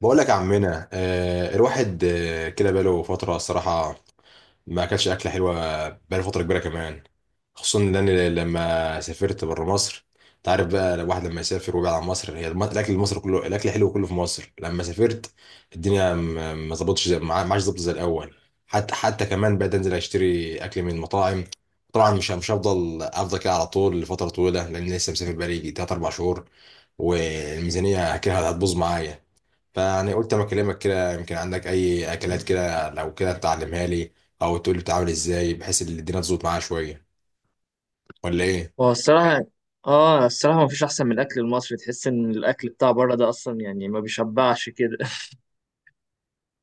بقول لك يا عمنا الواحد، كده بقاله فترة الصراحة ما أكلش أكلة حلوة. بقاله فترة كبيرة كمان، خصوصا إن أنا لما سافرت بره مصر. أنت عارف بقى الواحد لما يسافر ويبعد عن مصر، هي الأكل المصري كله، الأكل حلو كله في مصر. لما سافرت الدنيا ما ظبطتش، ما عادش ظبط زي الأول. حتى كمان بقيت أنزل أشتري أكل من مطاعم. طبعا مش هفضل أفضل كده على طول لفترة طويلة، لأن لسه مسافر بقالي تلات أربع شهور، والميزانية كده هتبوظ معايا. فيعني قلت اما اكلمك كده يمكن عندك اي اكلات كده لو كده تعلمها لي، او تقول لي بتعمل ازاي بحيث ان الدنيا تظبط معايا شويه، ولا ايه؟ هو الصراحة اه الصراحة ما فيش أحسن من الأكل المصري، تحس إن الأكل بتاع بره ده أصلا يعني ما بيشبعش كده.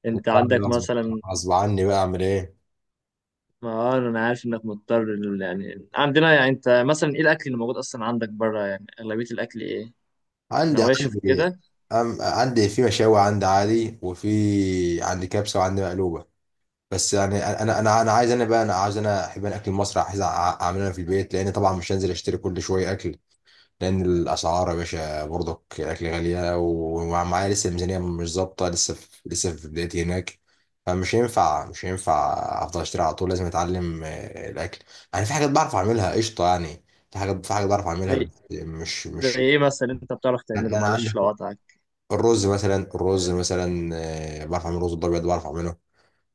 أنت وبعمل عندك غصب، مثلا، غصب عني بقى اعمل ايه. ما أنا عارف إنك مضطر يعني عندنا، يعني أنت مثلا إيه الأكل اللي موجود أصلا عندك بره؟ يعني أغلبية الأكل إيه؟ عندي نواشف عندي كده. أم عندي في مشاوي عندي عادي، وفي عندي كبسه وعندي مقلوبه. بس يعني انا عايز، انا بقى انا عايز، انا احب، انا اكل مصر عايز اعمله انا في البيت، لان طبعا مش هنزل اشتري كل شويه اكل. لان الاسعار يا باشا برضك الاكل غاليه، ومعايا لسه الميزانيه مش ظابطه، لسه في، لسه في بدايتي هناك. فمش هينفع مش هينفع افضل اشتري على طول. لازم اتعلم الاكل، يعني في حاجات بعرف اعملها قشطه يعني. في حاجات، في حاجات بعرف اعملها بس زي مش زي مش إيه مثلا أنت بتعرف يعني تعمله، انا معلش عندك لو قطعك. الرز مثلا، الرز مثلا بعرف اعمل رز الابيض، بعرف اعمله.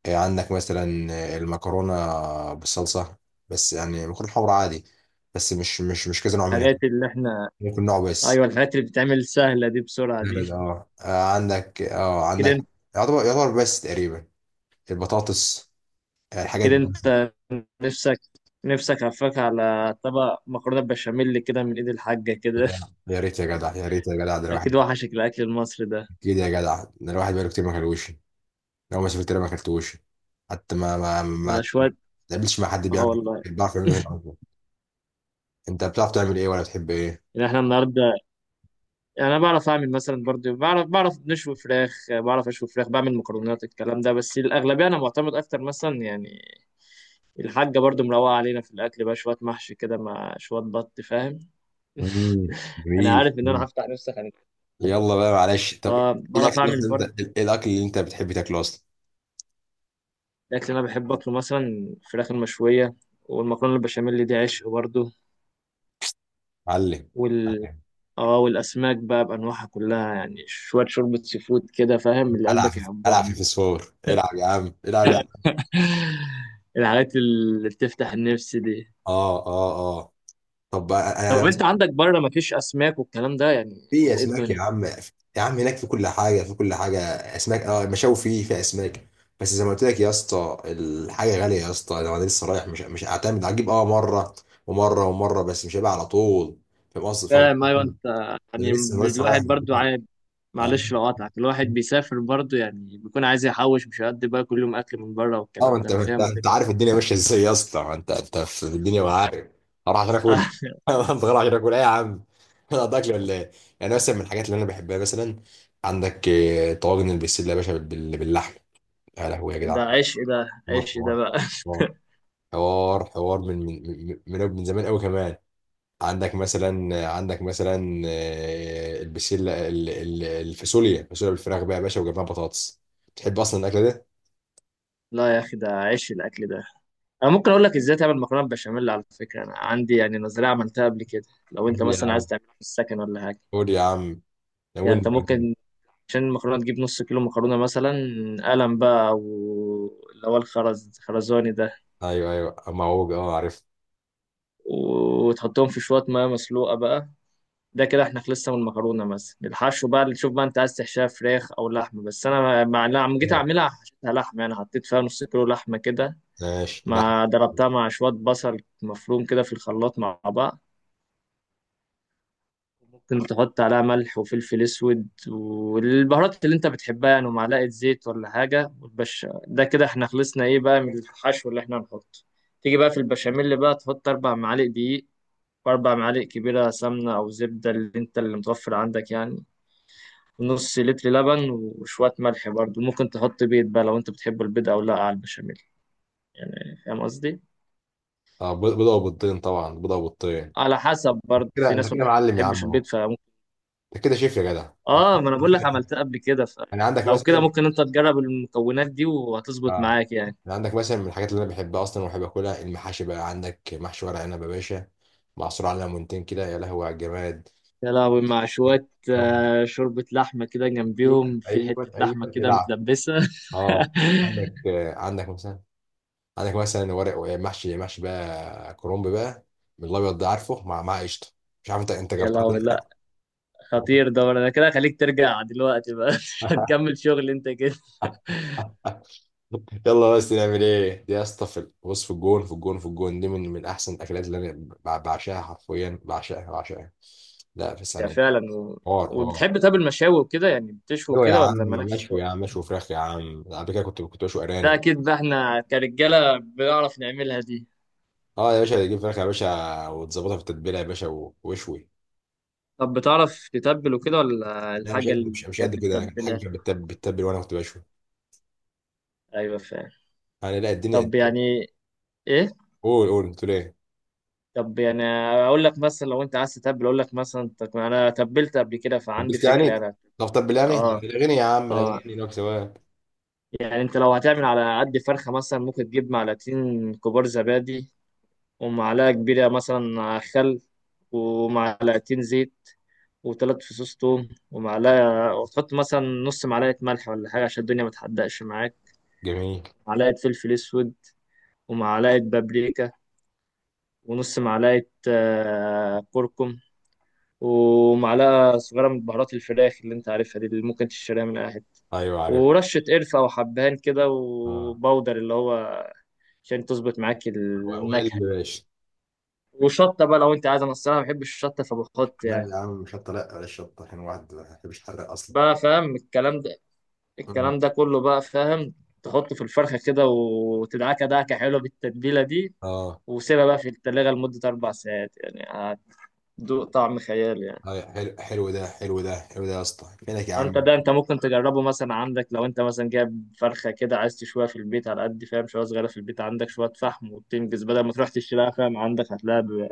عندك مثلا المكرونه بالصلصه، بس يعني مكرونه حمرا عادي، بس مش كذا نوع منها، الحاجات اللي إحنا، ممكن نوع بس. أيوه الحاجات اللي بتتعمل سهلة دي بسرعة دي. بارد اه عندك اه كده عندك، أنت يعتبر، يعتبر بس تقريبا البطاطس، الحاجات كده دي. أنت نفسك نفسك هفاك على طبق مكرونة بشاميل كده من إيد الحاجة كده. جدع. يا ريت يا جدع، يا ريت يا جدع، ده الواحد اكيد وحشك الاكل المصري ده، اكيد يا جدع، ده الواحد بقاله كتير ما كلوش. لو ما سافرت هنا ما كلتوش. حتى ما ما ولا ما شوية. تقابلش مع حد اه بيعمل، والله. بيعرف يعمله هنا أصلاً. انت بتعرف تعمل ايه ولا بتحب ايه؟ يعني احنا النهارده، يعني انا بعرف اعمل مثلا برضو، بعرف نشوي فراخ، بعرف اشوي فراخ، بعمل مكرونات، الكلام ده. بس الاغلبيه انا معتمد اكتر مثلا يعني الحاجه برضو مروقه علينا في الاكل بقى، شويه محشي كده مع شويه بط، فاهم. مم. انا جميل عارف ان انا جميل. هفتح نفسي خانق. يلا بقى معلش، طب ايه اه الاكل بعرف اعمل اللي انت، برضو. ايه الاكل اللي انت بتحب تاكله اصلا؟ الاكل اللي انا بحب اكله مثلا الفراخ المشويه، والمكرونه البشاميل دي عشق برضو. علم، علم. اه، والاسماك بقى بانواعها كلها، يعني شويه شوربه سي فود كده، فاهم، اللي العب قلبك في، العب في يحبهم. فسفور، العب يا عم، العب يا عم. الحاجات اللي بتفتح النفس دي. اه اه اه. طب طب انا انت عندك بره مفيش اسماك والكلام ده يعني، في ولا ايه اسماك الدنيا؟ يا عم، يا عم هناك في كل حاجه، في كل حاجه. اسماك، اه المشاوي فيه، في اسماك، بس زي ما قلت لك يا اسطى الحاجه غاليه يا اسطى. لو انا لسه رايح مش هعتمد، هجيب اه مره ومره ومره، بس مش هيبقى على طول. فاهم قصدي، فاهم فاهم، ايوه، قصدي؟ انت انا يعني لسه، انا لسه الواحد برضو عايز، معلش رايح. لو قاطعك، الواحد بيسافر برضو يعني بيكون عايز يحوش، مش هيقضي بقى كل يوم اكل من بره اه ما والكلام ده، انت، انا ما انت فاهم وجهة انت نظرك. عارف الدنيا ماشيه ازاي يا اسطى، ما انت، انت في الدنيا وعارف. هروح عشان اكل. هروح عشان اكل ايه يا عم؟ انا قضيت اكل ولا ايه؟ يعني مثلا من الحاجات اللي انا بحبها مثلا، عندك طواجن البسله يا باشا باللحم، يا لهوي يا ده جدعان. عيش، ده حوار، عيش ده حوار، بقى. حوار، حوار، حوار من من زمان قوي كمان. عندك مثلا، عندك مثلا البسله، الفاصوليا، الفاصوليا بالفراخ بقى يا باشا وجنبها بطاطس. تحب اصلا الاكله ده؟ لا يا اخي ده عيش الاكل ده. انا ممكن اقول لك ازاي تعمل مكرونه بشاميل، على فكره انا عندي يعني نظريه عملتها قبل كده، لو انت قول يا مثلا عايز عم، تعملها في السكن ولا حاجه. قول يا عم، يعني انت ناولني. ممكن، عشان المكرونه تجيب نص كيلو مكرونه مثلا، قلم بقى او اللي هو الخرز خرزاني ده، ايوه ايوه، معوج اه عرفت. وتحطهم في شويه ميه مسلوقه بقى. ده كده احنا خلصنا من المكرونه. مثلا الحشو بقى اللي تشوف بقى انت عايز تحشيها فراخ او لحمه، بس انا مع لما جيت اعملها حشيتها لحمه، يعني حطيت فيها نص كيلو لحمه كده، ماشي لا. مع ضربتها مع شويه بصل مفروم كده في الخلاط مع بعض، ممكن تحط عليها ملح وفلفل اسود والبهارات اللي انت بتحبها يعني، ومعلقه زيت ولا حاجه وتبش، ده كده احنا خلصنا ايه بقى من الحشو اللي احنا هنحطه. تيجي بقى في البشاميل بقى، تحط 4 معالق دقيق، و4 معالق كبيره سمنه او زبده، اللي متوفر عندك يعني، ونص لتر لبن وشويه ملح، برضو ممكن تحط بيض بقى لو انت بتحب البيض او لا على البشاميل، يعني فاهم قصدي، بيضه وبيضتين، طبعا بيضه وبيضتين. على حسب، انت برضو كده، في انت ناس ما كده معلم يا عم بتحبش اهو، البيض، انت كده شيف يا جدع. انت اه ما انا بقول لك كده، عملتها قبل كده، انا عندك فلو كده مثلا ممكن انت تجرب المكونات دي وهتظبط آه، معاك يعني. انا عندك مثلا من الحاجات اللي انا بحبها اصلا وبحب اكلها المحاشي بقى. عندك محشي ورق عنب يا باشا، معصور على ليمونتين كده يا لهوي على الجماد. يا لهوي، مع شوية شوربة لحمة كده ايوه، جنبيهم في ايوه حتة ايوه لحمة كده العب، متلبسة. اه. عندك عندك مثلا، عندك مثلا ورق محشي، محشي بقى كرنب بقى، من الابيض ده عارفه، مع مع قشطه. مش عارف انت، انت يا جربتها لهوي، ولا لا، خطير ده، انا كده خليك ترجع دلوقتي بقى. مش لأ. هتكمل شغل انت كده. يلا بس نعمل ايه دي يا اسطى؟ في بص، في الجون، في الجون، في الجون دي من من احسن الاكلات اللي انا بعشقها، حرفيا بعشقها بعشقها. لا في يا ثانيه. فعلا. و... حوار حوار. وبتحب طب المشاوي وكده يعني، بتشوي ايوه يا كده عم، ولا مالكش مشوي يا فوق؟ عم، مشوي فراخ يا عم. قبل كده كنت بشوي ده ارانب. اكيد بقى، احنا كرجالة بنعرف نعملها دي. اه يا باشا، تجيب فراخ يا باشا وتظبطها في التتبيله يا باشا واشوي. طب بتعرف تتبل وكده، ولا لا، مش الحاجة قد اللي مش مش قد كانت كده الحاجه، بتتبلها؟ كانت بتتبل وانا كنت بشوي ايوه فعلا. يعني. لا الدنيا. طب يعني ايه، قول، قول، قلت له ايه؟ طب يعني اقول لك مثلا لو انت عايز تتبل، اقول لك مثلا، طب انا تبلت قبل كده فعندي لبست فكره يعني. انا. طب يعني اه، الاغاني يا عم، الاغاني اه، لو سواد. يعني انت لو هتعمل على قد فرخه مثلا، ممكن تجيب معلقتين كبار زبادي، ومعلقه كبيره مثلا خل، ومعلقتين زيت، و3 فصوص توم، ومعلقه، وتحط مثلا نص معلقه ملح ولا حاجه عشان الدنيا ما تحدقش معاك، جميل. معلقه فلفل اسود، ومعلقه بابريكا، ونص معلقه كركم، ومعلقة صغيرة من بهارات الفراخ اللي انت عارفها دي، اللي ممكن تشتريها من اي حتة، ايوه عارف. ورشة قرفة أو حبهان كده اه، وبودر اللي هو عشان تظبط معاك وائل النكهة، باشا. وشطة بقى لو أنت عايز، أنا الصراحة ما بحبش الشطة فبحط لا يعني، يا عم، شطة لا، بلاش شطة، عشان الواحد ما بيحبش يحرق أصلا. بقى فاهم الكلام ده، مم. الكلام ده كله بقى فاهم. تحطه في الفرخة كده وتدعكة دعكة حلوة بالتتبيلة دي، اه وسيبها بقى في التلاجة لمدة 4 ساعات يعني، هتدوق طعم خيالي يعني. حلو، حلو ده، حلو ده، حلو ده يا اسطى، فينك يا فانت عم. ده انت ممكن تجربه مثلا، عندك لو انت مثلا جايب فرخه كده عايز تشويها في البيت على قد، فاهم، شويه صغيره في البيت، عندك شويه فحم وبتنجز بدل ما تروح تشتريها، فاهم، عندك هتلاقيها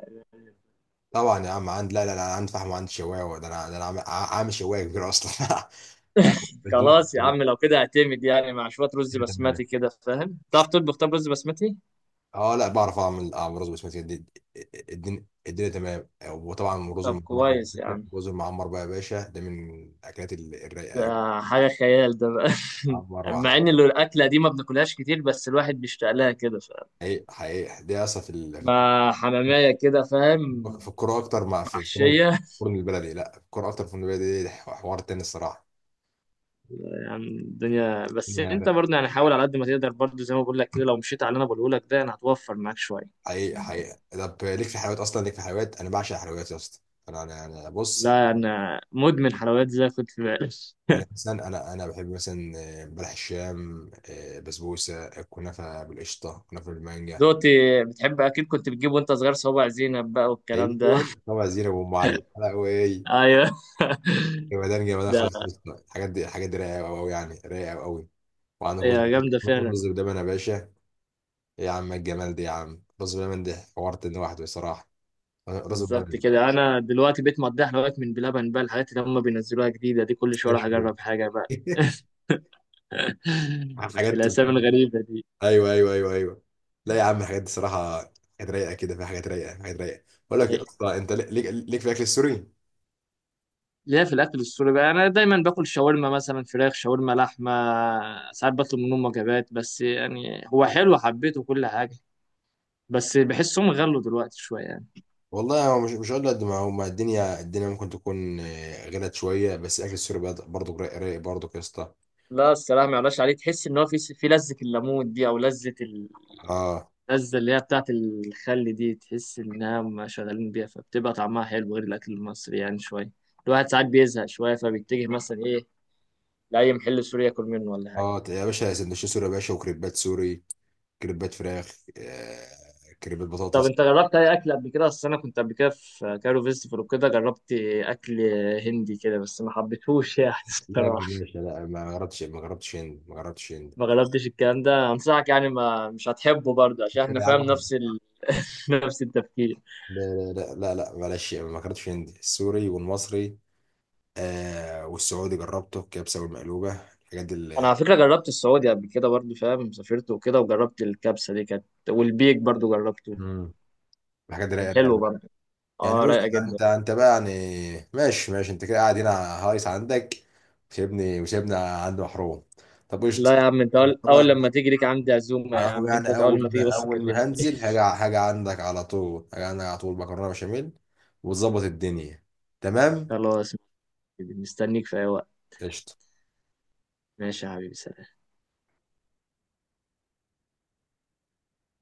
طبعا يا عم، عند لا لا لا، انا عندي فحم وعندي شوايه، ده انا، ده انا عامل، عامل شوايه كبيره اصلا. آه، الاتنين- خلاص يا لا، عم، لو كده اعتمد يعني، مع شويه رز تمام. بسمتي كده، فاهم، تعرف تطبخ طب رز بسمتي؟ اه لا، بعرف اعمل، اعمل رز بسمتي الدنيا، الدنيا تمام. وطبعا الرز طب المعمر بقى كويس يا يا عم، الرز المعمر بقى يا باشا، ده من الاكلات ده الرايقه أوي. حاجه خيال ده بقى. معمر مع وعلى. ان اللي الاكله دي ما بناكلهاش كتير، بس الواحد بيشتاق لها كده، فاهم، حقيقي حقيقي، دي اصلا في في الكوره، مع حماميه كده، فاهم، في الكوره اكتر مع في الفرن، محشيه، الفرن البلدي. لا، في الكوره اكتر في الفرن البلدي، دي حوار تاني الصراحه. يعني الدنيا، بس الدنيا انت رايقة. برضه يعني حاول على قد ما تقدر برضه، زي ما بقول لك كده، لو مشيت على اللي انا بقوله لك ده يعني هتوفر معاك شويه. حقيقي حقيقي. طب ليك في حلويات اصلا؟ ليك في حلويات؟ انا بعشق الحلويات يا اسطى. انا انا أنا بص. لا، انا مدمن حلويات زي ما كنت في بالك. يعني مثلا انا بحب مثلا بلح الشام، بسبوسه، كنافه بالقشطه، كنافه بالمانجا. دوتي، بتحب اكيد كنت بتجيب وانت صغير صوابع زينب بقى والكلام ده. ايوه طبعا، زينب وام علي لا، وايه، ايوه. جمدان جمدان ده خلاص. الحاجات دي، الحاجات دي رايقه قوي قوي، يعني رايقه قوي. وعندك رز، هي جامده فعلا. رز بلبن يا باشا. إيه يا عم الجمال ده يا عم، رز بلبن ده حوارت ان واحد بصراحه. رز بالظبط بلبن كده، انا دلوقتي بقيت مقضيها حلويات من بلبن بقى، الحاجات اللي هم بينزلوها جديده دي كل ده شويه اروح شوي. اجرب حاجه بقى. حاجات. الاسامي الغريبه دي. ايوه ايوه ايوه ايوه. لا يا عم الحاجات دي صراحه، حاجات رايقه كده، في حاجات رايقه، حاجات رايقه. بقول لك يا اسطى، انت ليك، ليك في الاكل السوري؟ ليا في الاكل السوري بقى، انا دايما باكل شاورما مثلا، فراخ شاورما لحمه، ساعات بطلب منهم وجبات، بس يعني هو حلو، حبيته كل حاجه، بس بحسهم غلوا دلوقتي شويه يعني. والله هو مش هقول قد ما هو، ما الدنيا، الدنيا ممكن تكون غلت شويه، بس الاكل السوري برضه رايق، رايق برضه يا اسطى. لا الصراحة ما يعلاش عليه، تحس إن هو في لذة الليمون دي، أو لذة اه. اللذه اللي هي بتاعت الخل دي، تحس انها ما شغالين بيها فبتبقى طعمها حلو غير الاكل المصري يعني شويه. الواحد ساعات بيزهق شويه فبيتجه مثلا ايه، لاي محل سوري ياكل منه ولا حاجه. اه يا باشا، سندوتشات سوري يا باشا، وكريبات سوري، كريبات فراخ، آه، كريبات طب بطاطس. انت جربت اي اكل قبل كده؟ اصل انا كنت قبل كده في كايرو فيستيفال وكده، جربت اكل هندي كده بس ما حبيتهوش يعني. لا يا الصراحه، باشا لا، ما جربتش، ما جربتش هند، ما جربتش هند. ما جربتش الكلام ده، انصحك يعني، ما مش هتحبه برضه عشان احنا لا يا فاهم عم. نفس نفس التفكير. لا لا لا لا معلش، ما جربتش هند. السوري والمصري آه، والسعودي جربته، الكبسه والمقلوبه، الحاجات دي انا على فكره جربت السعودي قبل كده برضه، فاهم، سافرت وكده وجربت الكبسه دي، كانت، والبيك برضه جربته، مم. الحاجات دي كان رايقه، رايقة. حلو برضه. يعني اه، رايقه بص جدا. انت، انت بقى يعني ماشي، ماشي، انت كده قاعد هنا هايص عندك، وسيبني، وسيبنا عند محروم. طب قشطة. لا يا عم، انت طب اول طبعا، لما تيجي ليك عندي عزومه على يا العموم عم، انت يعني اول اول لما تيجي ما، بس اول ما كلمني. هنزل هاجي، هاجي عندك على طول، هاجي عندك على طول مكرونة بشاميل وتظبط الدنيا. تمام. خلاص، مستنيك في اي وقت. قشطة. ماشي يا حبيبي، سلام.